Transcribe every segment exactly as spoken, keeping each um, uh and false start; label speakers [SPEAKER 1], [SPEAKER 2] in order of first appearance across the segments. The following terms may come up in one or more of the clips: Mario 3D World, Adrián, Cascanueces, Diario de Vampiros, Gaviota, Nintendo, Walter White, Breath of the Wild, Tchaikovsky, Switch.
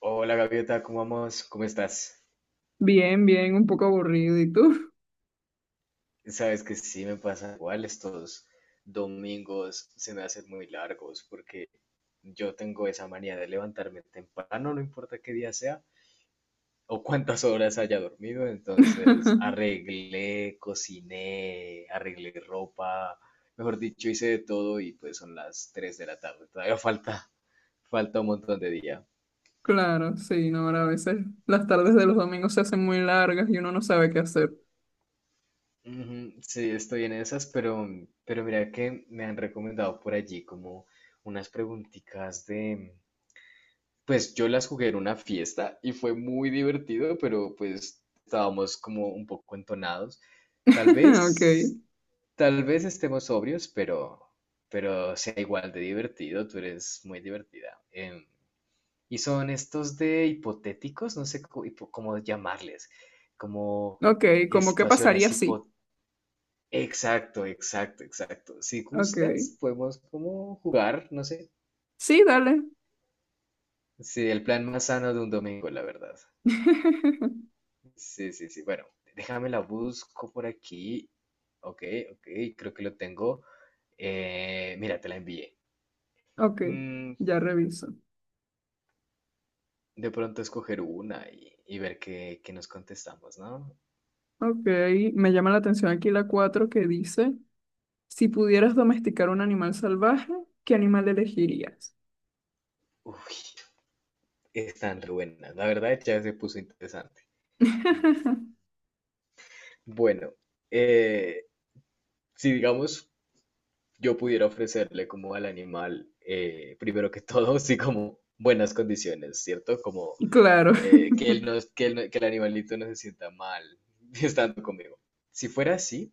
[SPEAKER 1] Hola Gaviota, ¿cómo vamos? ¿Cómo estás?
[SPEAKER 2] Bien, bien, un poco aburrido. ¿Y tú?
[SPEAKER 1] Sabes que sí, me pasa igual, estos domingos se me hacen muy largos porque yo tengo esa manía de levantarme temprano, no importa qué día sea o cuántas horas haya dormido. Entonces arreglé, cociné, arreglé ropa, mejor dicho, hice de todo y pues son las tres de la tarde, todavía falta, falta un montón de día.
[SPEAKER 2] Claro, sí, no, ahora a veces las tardes de los domingos se hacen muy largas y uno no sabe qué hacer.
[SPEAKER 1] Ujú. Sí, estoy en esas, pero, pero mira que me han recomendado por allí como unas preguntitas de, pues yo las jugué en una fiesta y fue muy divertido, pero pues estábamos como un poco entonados. Tal
[SPEAKER 2] Ok,
[SPEAKER 1] vez, tal vez estemos sobrios, pero, pero sea igual de divertido, tú eres muy divertida. Em, y son estos de hipotéticos, no sé cómo, hipo- cómo llamarles, como
[SPEAKER 2] ok,
[SPEAKER 1] eh,
[SPEAKER 2] ¿cómo qué pasaría
[SPEAKER 1] situaciones
[SPEAKER 2] si?
[SPEAKER 1] hipotéticas. Exacto, exacto, exacto. Si
[SPEAKER 2] Ok,
[SPEAKER 1] gustas, podemos como jugar, no sé.
[SPEAKER 2] sí, dale.
[SPEAKER 1] Sí, el plan más sano de un domingo, la verdad. Sí, sí, sí. Bueno, déjame la busco por aquí. Ok, ok, creo que lo tengo. Eh, mira, te la envié.
[SPEAKER 2] Ok,
[SPEAKER 1] Mm,
[SPEAKER 2] ya reviso.
[SPEAKER 1] de pronto escoger una y, y ver qué, qué nos contestamos, ¿no?
[SPEAKER 2] Ok, me llama la atención aquí la cuatro que dice, si pudieras domesticar un animal salvaje, ¿qué animal elegirías?
[SPEAKER 1] Uy, están re buenas. La verdad ya se puso interesante. Mm, Bueno, eh, si digamos yo pudiera ofrecerle como al animal, eh, primero que todo, sí, como buenas condiciones, ¿cierto? Como
[SPEAKER 2] Y claro,
[SPEAKER 1] eh, que él no, que él no, que el animalito no se sienta mal estando conmigo. Si fuera así,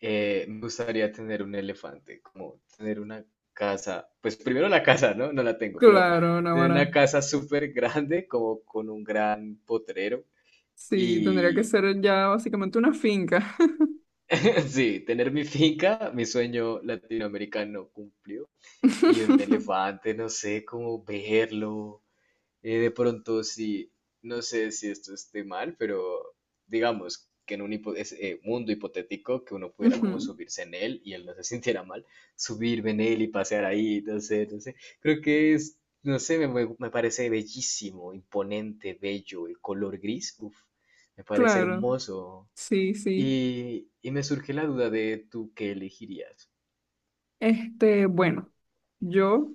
[SPEAKER 1] eh, me gustaría tener un elefante, como tener una casa, pues primero la casa, ¿no? No la tengo, pero
[SPEAKER 2] claro,
[SPEAKER 1] tener una
[SPEAKER 2] Navarra.
[SPEAKER 1] casa súper grande, como con un gran potrero
[SPEAKER 2] Sí, tendría que
[SPEAKER 1] y...
[SPEAKER 2] ser ya básicamente una finca.
[SPEAKER 1] Sí, tener mi finca, mi sueño latinoamericano cumplido. Y un elefante, no sé, cómo verlo. Eh, de pronto, sí, no sé si esto esté mal, pero digamos que en un hipo- es- eh, mundo hipotético que uno pudiera como
[SPEAKER 2] Ujú,
[SPEAKER 1] subirse en él y él no se sintiera mal, subirme en él y pasear ahí, no sé, no sé. Creo que es, no sé, me, me- me parece bellísimo, imponente, bello, el color gris, uff, me parece
[SPEAKER 2] claro,
[SPEAKER 1] hermoso.
[SPEAKER 2] sí, sí.
[SPEAKER 1] Y, y me surge la duda de tú qué elegirías.
[SPEAKER 2] Este, bueno, yo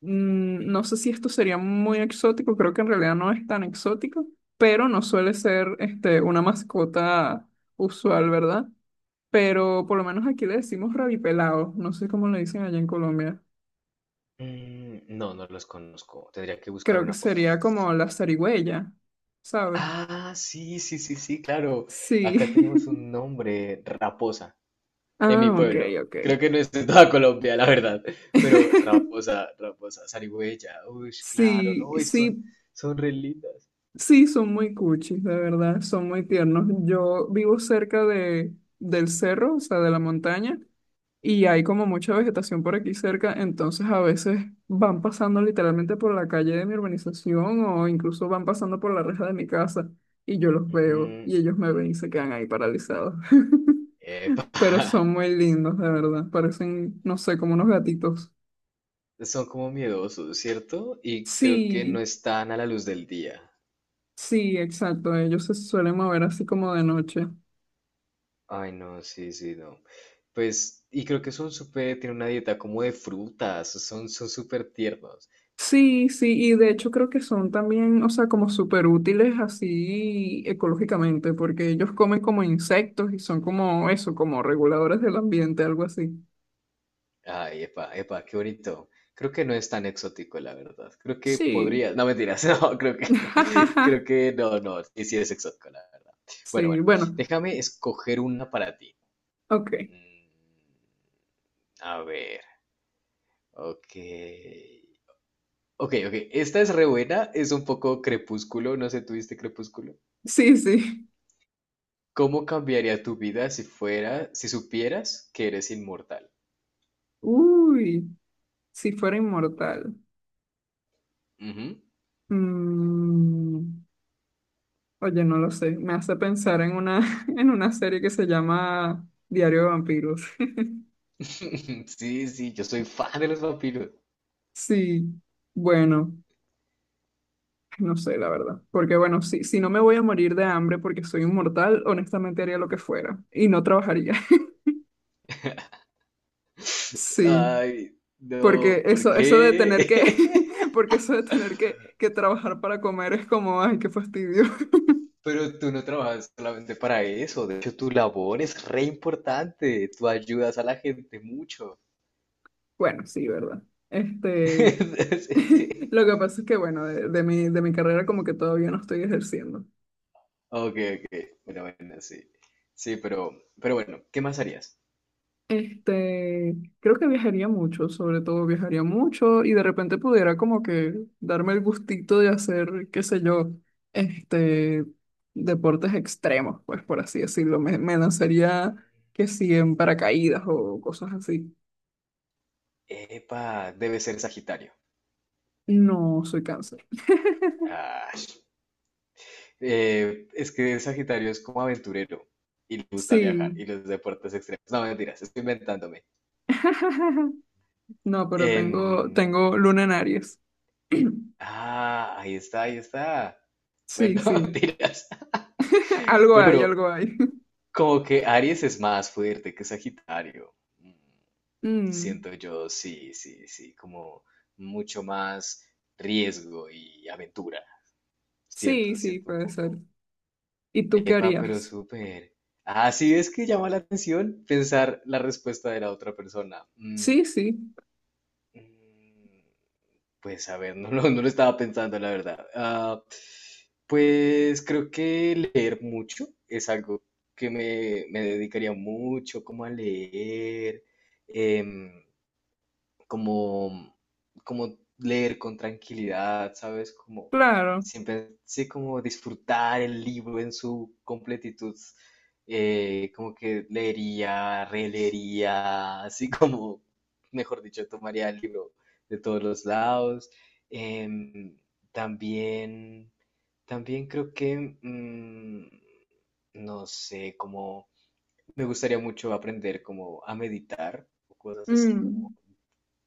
[SPEAKER 2] mm, no sé si esto sería muy exótico, creo que en realidad no es tan exótico, pero no suele ser este, una mascota usual, ¿verdad? Pero por lo menos aquí le decimos rabipelado, no sé cómo le dicen allá en Colombia.
[SPEAKER 1] Mm, No, no los conozco. Tendría que buscar
[SPEAKER 2] Creo que
[SPEAKER 1] una foto.
[SPEAKER 2] sería como la zarigüeya, ¿sabes?
[SPEAKER 1] Ah, sí, sí, sí, sí, claro.
[SPEAKER 2] Sí.
[SPEAKER 1] Acá tenemos un nombre, Raposa, en
[SPEAKER 2] Ah,
[SPEAKER 1] mi
[SPEAKER 2] ok,
[SPEAKER 1] pueblo.
[SPEAKER 2] ok.
[SPEAKER 1] Creo que no es en toda Colombia, la verdad. Pero Raposa, Raposa, zarigüeya. Uy, claro,
[SPEAKER 2] Sí,
[SPEAKER 1] no, y son,
[SPEAKER 2] sí,
[SPEAKER 1] son re lindas.
[SPEAKER 2] sí, son muy cuchis, de verdad, son muy tiernos. Yo vivo cerca de, del cerro, o sea, de la montaña, y hay como mucha vegetación por aquí cerca, entonces a veces van pasando literalmente por la calle de mi urbanización o incluso van pasando por la reja de mi casa y yo los veo
[SPEAKER 1] Ujú.
[SPEAKER 2] y ellos me ven y se quedan ahí paralizados.
[SPEAKER 1] Epa,
[SPEAKER 2] Pero son muy lindos, de verdad, parecen, no sé, como unos gatitos.
[SPEAKER 1] son como miedosos, ¿cierto? Y creo que no
[SPEAKER 2] Sí,
[SPEAKER 1] están a la luz del día.
[SPEAKER 2] sí, exacto, ellos se suelen mover así como de noche.
[SPEAKER 1] Ay, no, sí, sí, no. Pues, y creo que son súper, tienen una dieta como de frutas, son, son súper tiernos.
[SPEAKER 2] Sí, sí, y de hecho creo que son también, o sea, como súper útiles así ecológicamente, porque ellos comen como insectos y son como eso, como reguladores del ambiente, algo así.
[SPEAKER 1] Ay, epa, epa, qué bonito. Creo que no es tan exótico, la verdad. Creo que
[SPEAKER 2] Sí.
[SPEAKER 1] podría, no mentiras, no, creo que, creo que no, no, sí, sí es exótico, la verdad. Bueno,
[SPEAKER 2] Sí,
[SPEAKER 1] bueno,
[SPEAKER 2] bueno,
[SPEAKER 1] déjame escoger una para ti.
[SPEAKER 2] ok.
[SPEAKER 1] Mm, A ver, ok. Ok, ok, esta es re buena, es un poco crepúsculo, no sé, ¿tuviste crepúsculo?
[SPEAKER 2] Sí, sí.
[SPEAKER 1] ¿Cómo cambiaría tu vida si fuera, si supieras que eres inmortal?
[SPEAKER 2] Uy, si fuera inmortal.
[SPEAKER 1] Ujú.
[SPEAKER 2] Mm, oye, no lo sé. Me hace pensar en una, en una serie que se llama Diario de Vampiros.
[SPEAKER 1] Sí, sí, yo soy fan de los vampiros.
[SPEAKER 2] Sí, bueno. No sé, la verdad. Porque bueno, si, si no me voy a morir de hambre porque soy inmortal, honestamente haría lo que fuera y no trabajaría. Sí,
[SPEAKER 1] Ay,
[SPEAKER 2] porque
[SPEAKER 1] no, ¿por
[SPEAKER 2] eso, eso de tener que,
[SPEAKER 1] qué?
[SPEAKER 2] porque eso de tener que, que trabajar para comer es como, ay, qué fastidio.
[SPEAKER 1] Pero tú no trabajas solamente para eso. De hecho, tu labor es re importante. Tú ayudas a la gente mucho.
[SPEAKER 2] Bueno, sí, ¿verdad? Este,
[SPEAKER 1] Sí, sí.
[SPEAKER 2] lo que pasa es que bueno, de, de mi, de mi carrera como que todavía no estoy ejerciendo.
[SPEAKER 1] Ok, ok. Bueno, bueno, sí. Sí, pero, pero bueno, ¿qué más harías?
[SPEAKER 2] Este, creo que viajaría mucho, sobre todo viajaría mucho y de repente pudiera como que darme el gustito de hacer, qué sé yo, este, deportes extremos, pues por así decirlo. Me, me lanzaría que si en paracaídas o cosas así.
[SPEAKER 1] Epa, debe ser Sagitario.
[SPEAKER 2] No, soy cáncer.
[SPEAKER 1] Ah, eh, es que Sagitario es como aventurero y le gusta viajar
[SPEAKER 2] Sí.
[SPEAKER 1] y los deportes extremos. No, mentiras, estoy inventándome.
[SPEAKER 2] No, pero tengo,
[SPEAKER 1] Em,
[SPEAKER 2] tengo luna en Aries.
[SPEAKER 1] ah, ahí está, ahí está. Bueno,
[SPEAKER 2] Sí, sí.
[SPEAKER 1] mentiras.
[SPEAKER 2] Algo
[SPEAKER 1] Pero,
[SPEAKER 2] hay,
[SPEAKER 1] pero
[SPEAKER 2] algo hay.
[SPEAKER 1] como que Aries es más fuerte que Sagitario. Mm,
[SPEAKER 2] Mm,
[SPEAKER 1] Siento yo, sí, sí, sí, como mucho más riesgo y aventura.
[SPEAKER 2] sí,
[SPEAKER 1] Siento,
[SPEAKER 2] sí,
[SPEAKER 1] siento un
[SPEAKER 2] puede ser.
[SPEAKER 1] poco.
[SPEAKER 2] ¿Y tú qué
[SPEAKER 1] Epa, pero
[SPEAKER 2] harías?
[SPEAKER 1] súper. Ah, sí, es que llama la atención pensar la respuesta de la otra persona. Mm,
[SPEAKER 2] Sí, sí,
[SPEAKER 1] mm. Pues a ver, no lo, no lo estaba pensando, la verdad. Ah, pues creo que leer mucho es algo que me, me dedicaría mucho como a leer. em, Como, como leer con tranquilidad, ¿sabes? Como
[SPEAKER 2] claro.
[SPEAKER 1] siempre, sí, como disfrutar el libro en su completitud, eh, como que leería, releería, así como, mejor dicho, tomaría el libro de todos los lados. Em, también, también creo que, mm, no sé, como me gustaría mucho aprender como a meditar o cosas así como
[SPEAKER 2] Mm,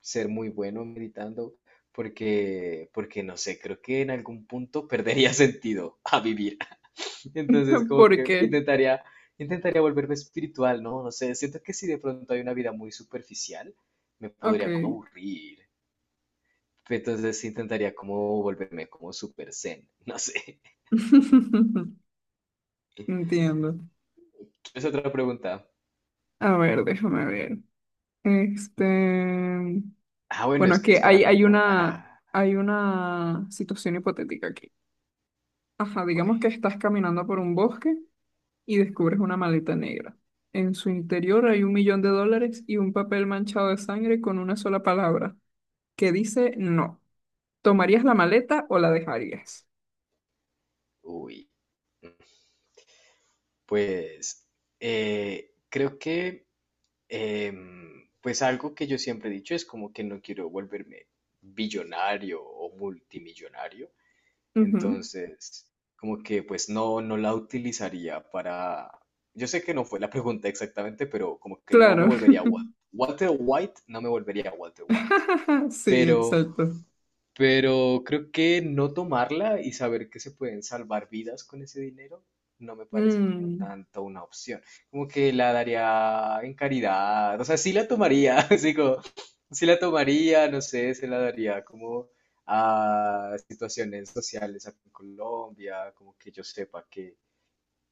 [SPEAKER 1] ser muy bueno meditando, porque, porque no sé, creo que en algún punto perdería sentido a vivir. Entonces, como
[SPEAKER 2] ¿por
[SPEAKER 1] que
[SPEAKER 2] qué?
[SPEAKER 1] intentaría, intentaría volverme espiritual, ¿no? No sé, siento que si de pronto hay una vida muy superficial, me podría como
[SPEAKER 2] Ok.
[SPEAKER 1] aburrir. Entonces intentaría como volverme como super zen, no sé.
[SPEAKER 2] Entiendo.
[SPEAKER 1] Es otra pregunta.
[SPEAKER 2] A ver, déjame ver. Este,
[SPEAKER 1] Ah, bueno, es
[SPEAKER 2] bueno,
[SPEAKER 1] que es
[SPEAKER 2] que
[SPEAKER 1] para
[SPEAKER 2] hay,
[SPEAKER 1] mí,
[SPEAKER 2] hay
[SPEAKER 1] ¿no?
[SPEAKER 2] una,
[SPEAKER 1] Ah,
[SPEAKER 2] hay una situación hipotética aquí. Ajá,
[SPEAKER 1] ok.
[SPEAKER 2] digamos que estás caminando por un bosque y descubres una maleta negra. En su interior hay un millón de dólares y un papel manchado de sangre con una sola palabra que dice no. ¿Tomarías la maleta o la dejarías?
[SPEAKER 1] Uy. mm, Pues eh, creo que Em, pues algo que yo siempre he dicho es como que no quiero volverme billonario o multimillonario,
[SPEAKER 2] Ujú,
[SPEAKER 1] entonces como que pues no, no la utilizaría para, yo sé que no fue la pregunta exactamente, pero como que no me
[SPEAKER 2] claro.
[SPEAKER 1] volvería Wa- Walter White, no me volvería Walter White,
[SPEAKER 2] Sí,
[SPEAKER 1] pero
[SPEAKER 2] exacto.
[SPEAKER 1] pero creo que no tomarla y saber que se pueden salvar vidas con ese dinero no me parece como
[SPEAKER 2] Mm.
[SPEAKER 1] tanto una opción. Como que la daría en caridad, o sea, sí la tomaría, así como, sí la tomaría, no sé, se la daría como a situaciones sociales aquí en Colombia, como que yo sepa que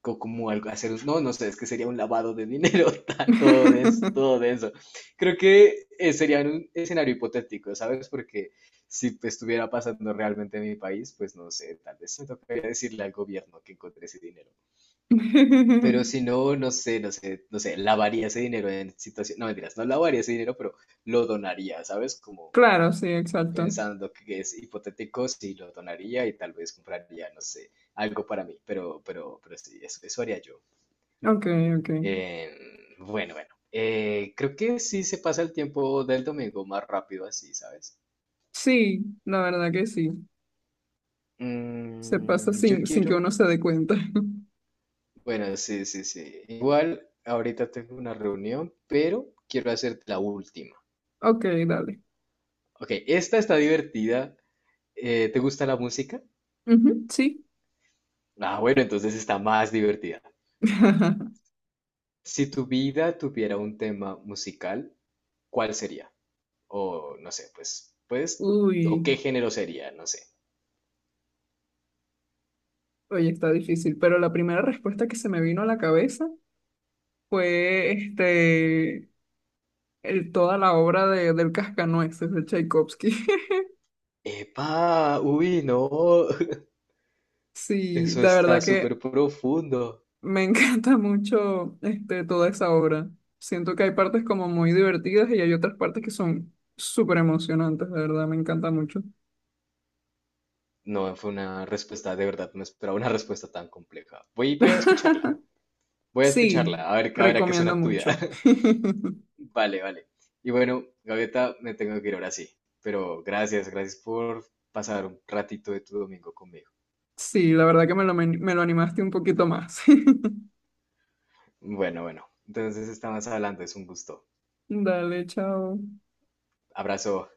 [SPEAKER 1] co- como algo, hacer, un- no, no sé, es que sería un lavado de dinero, ta- todo denso, todo denso. Creo que eh, sería un escenario hipotético, ¿sabes? Porque si pues, estuviera pasando realmente en mi país, pues no sé, tal vez me tocaría decirle al gobierno que encontré ese dinero. Pero si no, no sé, no sé, no sé, lavaría ese dinero en situación, no mentiras, no lavaría ese dinero, pero lo donaría, ¿sabes? Como
[SPEAKER 2] Claro, sí, exacto.
[SPEAKER 1] pensando que es hipotético, sí lo donaría y tal vez compraría, no sé, algo para mí, pero, pero, pero sí, eso, eso haría yo.
[SPEAKER 2] Ok, ok.
[SPEAKER 1] Eh, bueno, bueno. Eh, creo que sí se pasa el tiempo del domingo más rápido así, ¿sabes?
[SPEAKER 2] Sí, la verdad que sí. Se pasa
[SPEAKER 1] Mm, yo
[SPEAKER 2] sin, sin
[SPEAKER 1] quiero...
[SPEAKER 2] que uno se dé cuenta.
[SPEAKER 1] Bueno, sí, sí, sí. Igual ahorita tengo una reunión, pero quiero hacerte la última.
[SPEAKER 2] Ok, dale.
[SPEAKER 1] Ok, esta está divertida. Eh, ¿te gusta la música?
[SPEAKER 2] Ujú, sí.
[SPEAKER 1] Ah, bueno, entonces está más divertida. Si tu vida tuviera un tema musical, ¿cuál sería? O no sé, pues, pues, o
[SPEAKER 2] Uy,
[SPEAKER 1] qué género sería, no sé.
[SPEAKER 2] oye, está difícil, pero la primera respuesta que se me vino a la cabeza fue este, el, toda la obra de, del Cascanueces de Tchaikovsky.
[SPEAKER 1] Epa, uy, no,
[SPEAKER 2] Sí,
[SPEAKER 1] eso
[SPEAKER 2] de
[SPEAKER 1] está
[SPEAKER 2] verdad que
[SPEAKER 1] súper profundo.
[SPEAKER 2] Me encanta mucho este, toda esa obra. Siento que hay partes como muy divertidas y hay otras partes que son súper emocionantes, de verdad, me encanta mucho.
[SPEAKER 1] No, fue una respuesta, de verdad, no esperaba una respuesta tan compleja. Voy, voy a escucharla, voy a
[SPEAKER 2] Sí,
[SPEAKER 1] escucharla, a ver, a ver a qué
[SPEAKER 2] recomiendo
[SPEAKER 1] suena tuya.
[SPEAKER 2] mucho.
[SPEAKER 1] Vale, vale. Y bueno, Gaviota, me tengo que ir ahora sí, pero gracias, gracias por pasar un ratito de tu domingo conmigo.
[SPEAKER 2] Sí, la verdad que me lo, men- me lo animaste un poquito más.
[SPEAKER 1] Bueno, bueno, entonces estamos hablando, es un gusto.
[SPEAKER 2] Dale, chao.
[SPEAKER 1] Abrazo.